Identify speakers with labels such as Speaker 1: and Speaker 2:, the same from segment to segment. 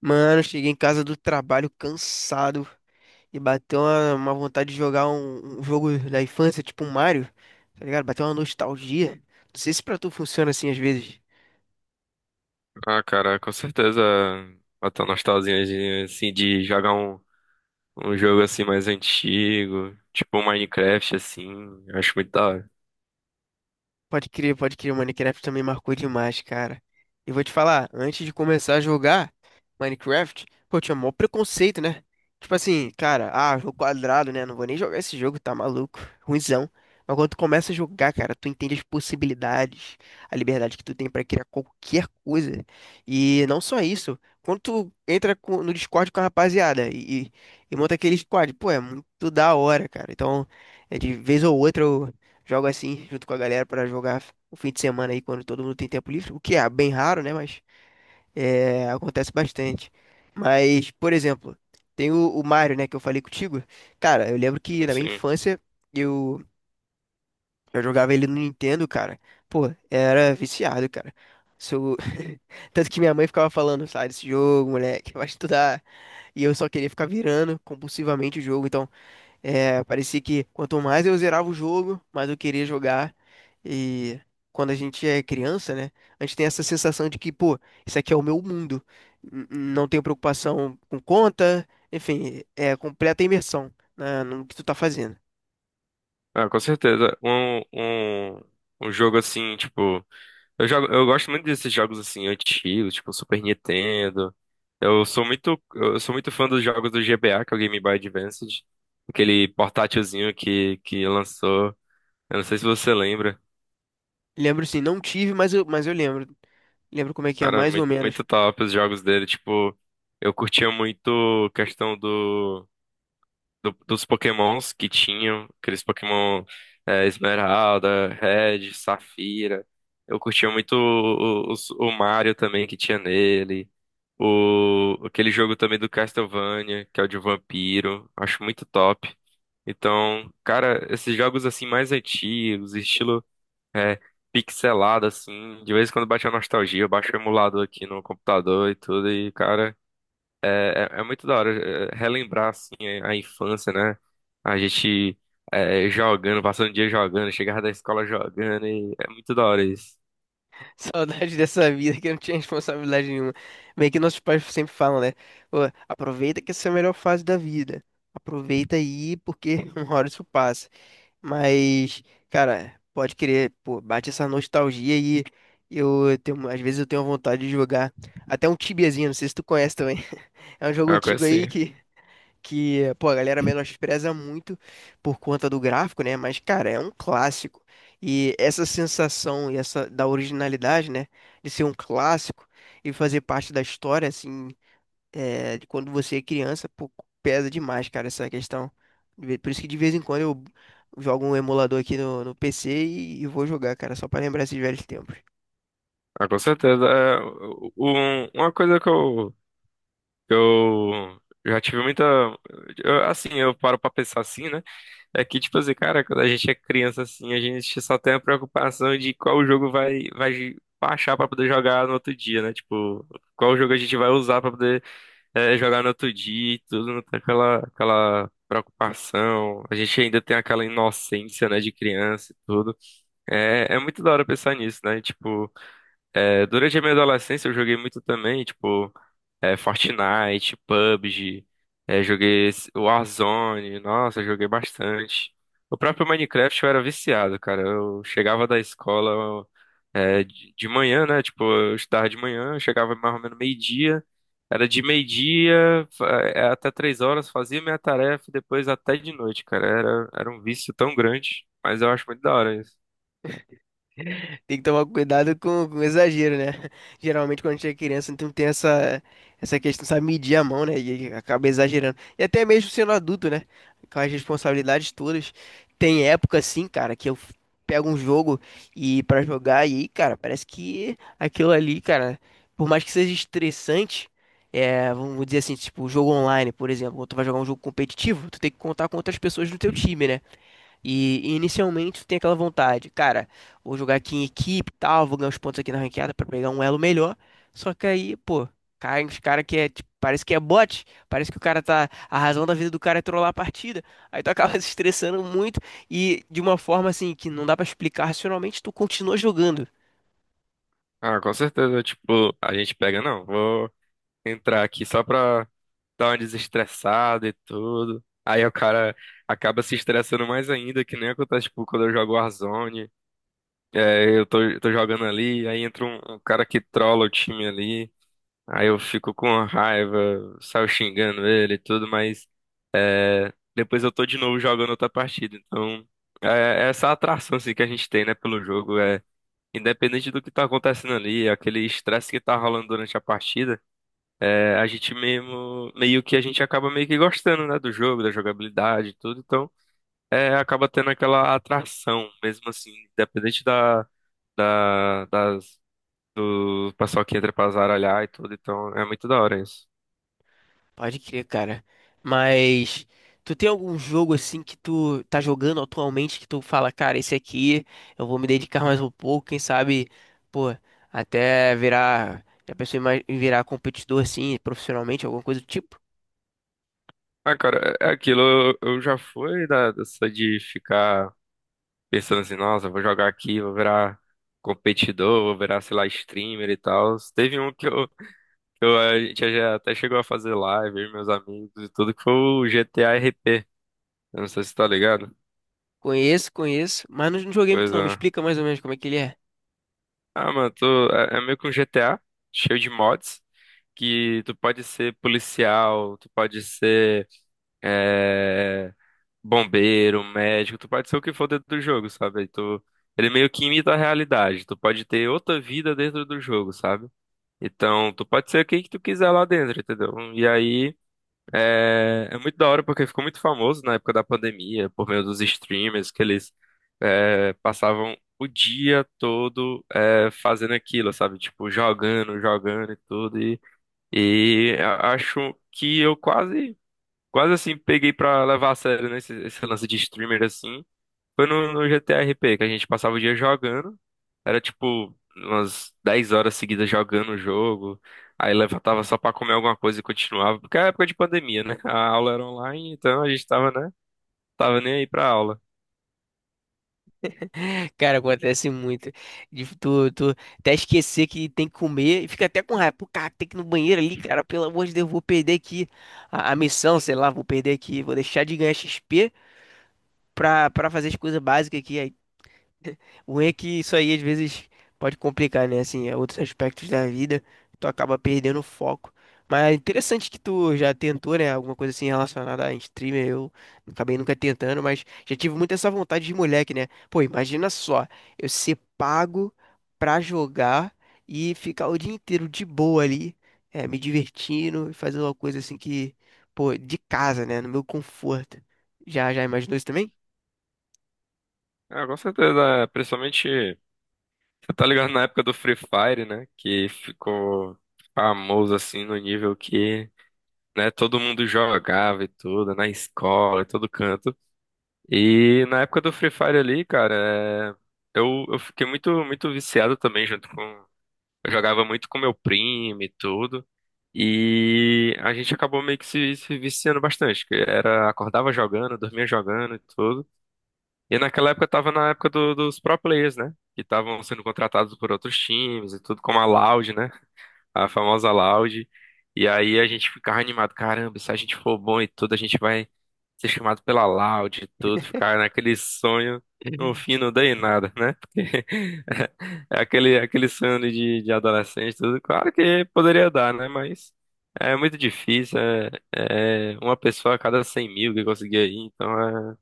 Speaker 1: Mano, cheguei em casa do trabalho cansado e bateu uma vontade de jogar um jogo da infância, tipo um Mario, tá ligado? Bateu uma nostalgia. Não sei se pra tu funciona assim às vezes.
Speaker 2: Ah, cara, com certeza bateu uma nostalgia assim de jogar um jogo assim mais antigo, tipo um Minecraft assim, eu acho muito da hora.
Speaker 1: Pode crer, pode crer. O Minecraft também marcou demais, cara. E vou te falar, antes de começar a jogar Minecraft, pô, eu tinha mó preconceito, né? Tipo assim, cara, jogo quadrado, né? Não vou nem jogar esse jogo, tá maluco. Ruizão. Mas quando tu começa a jogar, cara, tu entende as possibilidades, a liberdade que tu tem pra criar qualquer coisa. E não só isso, quando no Discord com a rapaziada e monta aquele squad, pô, é muito da hora, cara. Então, de vez ou outra jogo assim, junto com a galera, pra jogar o fim de semana aí, quando todo mundo tem tempo livre. O que é bem raro, né? Mas acontece bastante. Mas, por exemplo, tem o Mario, né? Que eu falei contigo. Cara, eu lembro que na minha
Speaker 2: Sim.
Speaker 1: infância eu, eu jogava ele no Nintendo, cara. Pô, era viciado, cara. Sou... Tanto que minha mãe ficava falando, sai desse jogo, moleque, vai estudar. E eu só queria ficar virando compulsivamente o jogo. Então. Parecia que quanto mais eu zerava o jogo, mais eu queria jogar. E quando a gente é criança, né? A gente tem essa sensação de que, pô, isso aqui é o meu mundo. N- Não tenho preocupação com conta, enfim, é completa imersão no que tu tá fazendo.
Speaker 2: Ah, com certeza. Um jogo assim, tipo, eu gosto muito desses jogos assim antigos, tipo Super Nintendo. Eu sou muito fã dos jogos do GBA, que é o Game Boy Advance, aquele portátilzinho que lançou. Eu não sei se você lembra.
Speaker 1: Lembro sim, não tive, mas eu lembro. Lembro como é que é,
Speaker 2: Cara,
Speaker 1: mais ou
Speaker 2: muito,
Speaker 1: menos.
Speaker 2: muito top os jogos dele. Tipo, eu curtia muito a questão dos Pokémons que tinham, aqueles Pokémon Esmeralda, Red, Safira. Eu curtia muito o Mario também que tinha nele. O, aquele jogo também do Castlevania, que é o de vampiro. Acho muito top. Então, cara, esses jogos assim mais antigos, estilo. É, pixelado, assim. De vez em quando bate a nostalgia, eu baixo o emulador aqui no computador e tudo. E, cara, é muito da hora relembrar, assim, a infância, né? A gente jogando, passando o dia jogando, chegava da escola jogando. E é muito da hora isso.
Speaker 1: Saudade dessa vida que não tinha responsabilidade nenhuma. Meio que nossos pais sempre falam, né? Pô, aproveita que essa é a melhor fase da vida. Aproveita aí, porque uma hora isso passa. Mas, cara, pode querer, pô, bate essa nostalgia e às vezes eu tenho vontade de jogar até um Tibiazinho, não sei se tu conhece também. É um jogo
Speaker 2: É uma coisa
Speaker 1: antigo
Speaker 2: assim.
Speaker 1: aí que, pô, a galera menospreza muito por conta do gráfico, né? Mas, cara, é um clássico. E essa sensação e essa da originalidade, né? De ser um clássico e fazer parte da história, assim, de quando você é criança, pô, pesa demais, cara, essa questão. De Por isso que de vez em quando eu jogo um emulador aqui no PC e vou jogar, cara, só pra lembrar esses velhos tempos.
Speaker 2: Ah, com certeza. Uma coisa que eu já tive muita. Eu, assim, eu paro pra pensar assim, né? É que, tipo assim, cara, quando a gente é criança assim, a gente só tem a preocupação de qual jogo vai baixar pra poder jogar no outro dia, né? Tipo, qual jogo a gente vai usar pra poder jogar no outro dia e tudo, não tem aquela preocupação. A gente ainda tem aquela inocência, né, de criança e tudo. É, é muito da hora pensar nisso, né? Tipo, durante a minha adolescência eu joguei muito também, tipo. Fortnite, PUBG, Warzone, nossa, joguei bastante. O próprio Minecraft eu era viciado, cara. Eu chegava da escola de manhã, né? Tipo, eu estudava de manhã, eu chegava mais ou menos meio-dia. Era de meio-dia até 3 horas, fazia minha tarefa e depois até de noite, cara. Era, era um vício tão grande, mas eu acho muito da hora isso.
Speaker 1: Tem que tomar cuidado com exagero, né? Geralmente quando a gente é criança, então tem essa questão, sabe, medir a mão, né? E acaba exagerando. E até mesmo sendo adulto, né? Com as responsabilidades todas. Tem época, assim, cara, que eu pego um jogo e para jogar, e aí, cara, parece que aquilo ali, cara, por mais que seja estressante, vamos dizer assim, tipo, jogo online, por exemplo, quando tu vai jogar um jogo competitivo, tu tem que contar com outras pessoas no teu time, né? E inicialmente tu tem aquela vontade, cara, vou jogar aqui em equipe e tal, vou ganhar uns pontos aqui na ranqueada pra pegar um elo melhor. Só que aí, pô, cai uns cara que é, tipo, parece que é bot, parece que o cara tá, a razão da vida do cara é trollar a partida. Aí tu acaba se estressando muito e de uma forma assim que não dá pra explicar racionalmente, tu continua jogando.
Speaker 2: Ah, com certeza, tipo, a gente pega, não, vou entrar aqui só pra dá uma desestressada e tudo. Aí o cara acaba se estressando mais ainda, que nem acontece, tipo, quando eu jogo Warzone. É, eu tô jogando ali, aí entra um cara que trola o time ali. Aí eu fico com raiva, saio xingando ele e tudo, mas depois eu tô de novo jogando outra partida. Então, é essa atração assim, que a gente tem, né, pelo jogo. É, independente do que tá acontecendo ali, aquele estresse que tá rolando durante a partida. É, a gente mesmo, meio que a gente acaba meio que gostando, né, do jogo, da jogabilidade e tudo, então acaba tendo aquela atração, mesmo assim, independente da, das, do pessoal que entra pra zaralhar e tudo, então é muito da hora isso.
Speaker 1: Pode crer, cara. Mas tu tem algum jogo assim que tu tá jogando atualmente que tu fala, cara, esse aqui eu vou me dedicar mais um pouco, quem sabe, pô, até virar, já pensou em em virar competidor assim, profissionalmente, alguma coisa do tipo?
Speaker 2: Ah, cara, é aquilo, eu já fui da, dessa de ficar pensando assim, nossa, eu vou jogar aqui, vou virar competidor, vou virar, sei lá, streamer e tal. Teve um que eu, a gente já até chegou a fazer live, eu e meus amigos e tudo, que foi o GTA RP. Eu não sei se tá ligado.
Speaker 1: Conheço, conheço, mas não joguei muito
Speaker 2: Pois
Speaker 1: não. Me
Speaker 2: é.
Speaker 1: explica mais ou menos como é que ele é.
Speaker 2: Ah, mano, tu, é meio que um GTA, cheio de mods, que tu pode ser policial, tu pode ser é, bombeiro, médico, tu pode ser o que for dentro do jogo, sabe? Tu, ele meio que imita a realidade, tu pode ter outra vida dentro do jogo, sabe? Então, tu pode ser quem que tu quiser lá dentro, entendeu? E aí. É, é muito da hora porque ficou muito famoso na época da pandemia, por meio dos streamers, que eles passavam o dia todo fazendo aquilo, sabe? Tipo, jogando, jogando e tudo. Acho que eu quase assim, peguei pra levar a sério, né, esse lance de streamer, assim. Foi no GTA RP que a gente passava o dia jogando. Era tipo umas 10 horas seguidas jogando o jogo. Aí levantava só pra comer alguma coisa e continuava. Porque era época de pandemia, né? A aula era online, então a gente tava, né? Tava nem aí pra aula.
Speaker 1: Cara, acontece muito. De tu até esquecer que tem que comer e fica até com raiva. Pô, cara, tem que ir no banheiro ali, cara. Pelo amor de Deus, eu vou perder aqui a missão, sei lá, vou perder aqui. Vou deixar de ganhar XP pra fazer as coisas básicas aqui. O ruim é que isso aí às vezes pode complicar, né? Assim, é outros aspectos da vida, tu acaba perdendo o foco. Mas é interessante que tu já tentou, né? Alguma coisa assim relacionada a streamer. Eu acabei nunca tentando, mas já tive muito essa vontade de moleque, né? Pô, imagina só, eu ser pago pra jogar e ficar o dia inteiro de boa ali, me divertindo e fazendo uma coisa assim que, pô, de casa, né? No meu conforto. Já imaginou isso também?
Speaker 2: Ah, com certeza, é, principalmente, você tá ligado na época do Free Fire, né? Que ficou famoso assim no nível que, né, todo mundo jogava e tudo, na escola, em todo canto. E na época do Free Fire ali, cara, eu fiquei muito, muito viciado também junto com. Eu jogava muito com meu primo e tudo. E a gente acabou meio que se viciando bastante. Que era, acordava jogando, dormia jogando e tudo. E naquela época eu tava na época dos pro players, né? Que estavam sendo contratados por outros times e tudo, como a Loud, né? A famosa Loud. E aí a gente ficava animado, caramba, se a gente for bom e tudo, a gente vai ser chamado pela Loud e tudo, ficar naquele sonho. No
Speaker 1: Uhum.
Speaker 2: fim não deu em nada, né? Porque é aquele, aquele sonho de adolescente, tudo. Claro que poderia dar, né? Mas é muito difícil. É, é uma pessoa a cada 100 mil que conseguia ir, então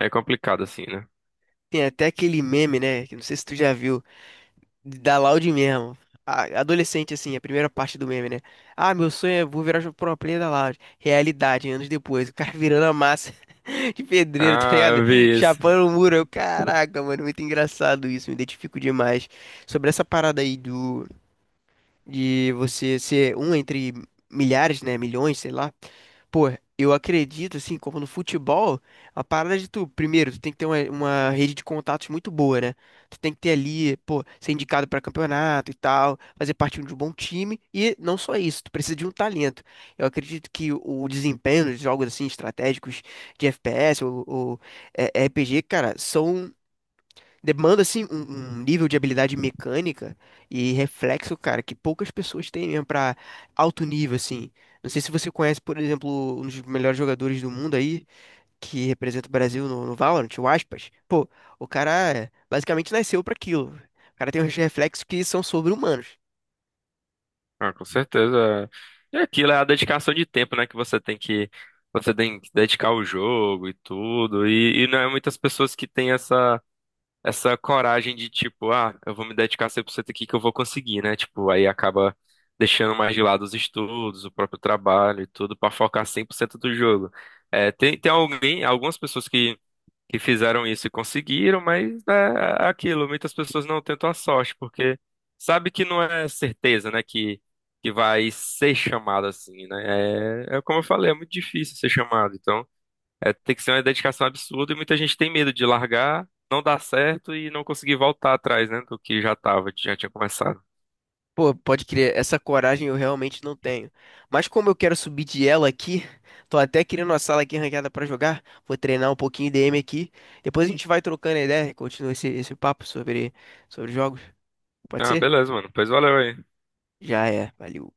Speaker 2: é, é complicado assim, né?
Speaker 1: Tem até aquele meme, né? Que não sei se tu já viu, da Loud mesmo. Adolescente, assim, a primeira parte do meme, né? Ah, meu sonho é vou virar pro player da Loud. Realidade, anos depois, o cara virando a massa de pedreiro, tá
Speaker 2: Ah,
Speaker 1: ligado?
Speaker 2: eu vi isso.
Speaker 1: Chapando o muro. Eu, caraca, mano, muito engraçado isso, me identifico demais. Sobre essa parada aí do. De você ser um entre milhares, né, milhões, sei lá. Pô, eu acredito, assim, como no futebol, a parada de tu, primeiro, tu tem que ter uma rede de contatos muito boa, né? Tu tem que ter ali, pô, ser indicado pra campeonato e tal, fazer parte de um bom time, e não só isso, tu precisa de um talento. Eu acredito que o desempenho dos jogos, assim, estratégicos de FPS ou RPG, cara, são demanda, assim, um nível de habilidade mecânica e reflexo, cara, que poucas pessoas têm mesmo pra alto nível, assim. Não sei se você conhece, por exemplo, um dos melhores jogadores do mundo aí, que representa o Brasil no Valorant, o Aspas. Pô, o cara basicamente nasceu pra aquilo. O cara tem uns reflexos que são sobre-humanos.
Speaker 2: Ah, com certeza. E aquilo é a dedicação de tempo, né? Que você tem que dedicar ao jogo e tudo. E não é muitas pessoas que têm essa coragem de tipo, ah, eu vou me dedicar 100% aqui que eu vou conseguir, né? Tipo, aí acaba deixando mais de lado os estudos, o próprio trabalho e tudo pra focar 100% do jogo. É, tem alguém, algumas pessoas que fizeram isso e conseguiram, mas né, é aquilo, muitas pessoas não tentam a sorte, porque sabe que não é certeza, né, que vai ser chamado assim, né? É, é como eu falei, é muito difícil ser chamado, então é, tem que ser uma dedicação absurda e muita gente tem medo de largar, não dar certo e não conseguir voltar atrás, né, do que já tava, já tinha começado.
Speaker 1: Pô, pode crer, essa coragem eu realmente não tenho. Mas como eu quero subir de ela aqui, tô até criando uma sala aqui ranqueada pra jogar. Vou treinar um pouquinho D m aqui. Depois a gente vai trocando ideia e continua esse papo sobre, sobre jogos. Pode
Speaker 2: Ah,
Speaker 1: ser?
Speaker 2: beleza, mano, pois valeu aí.
Speaker 1: Já é, valeu.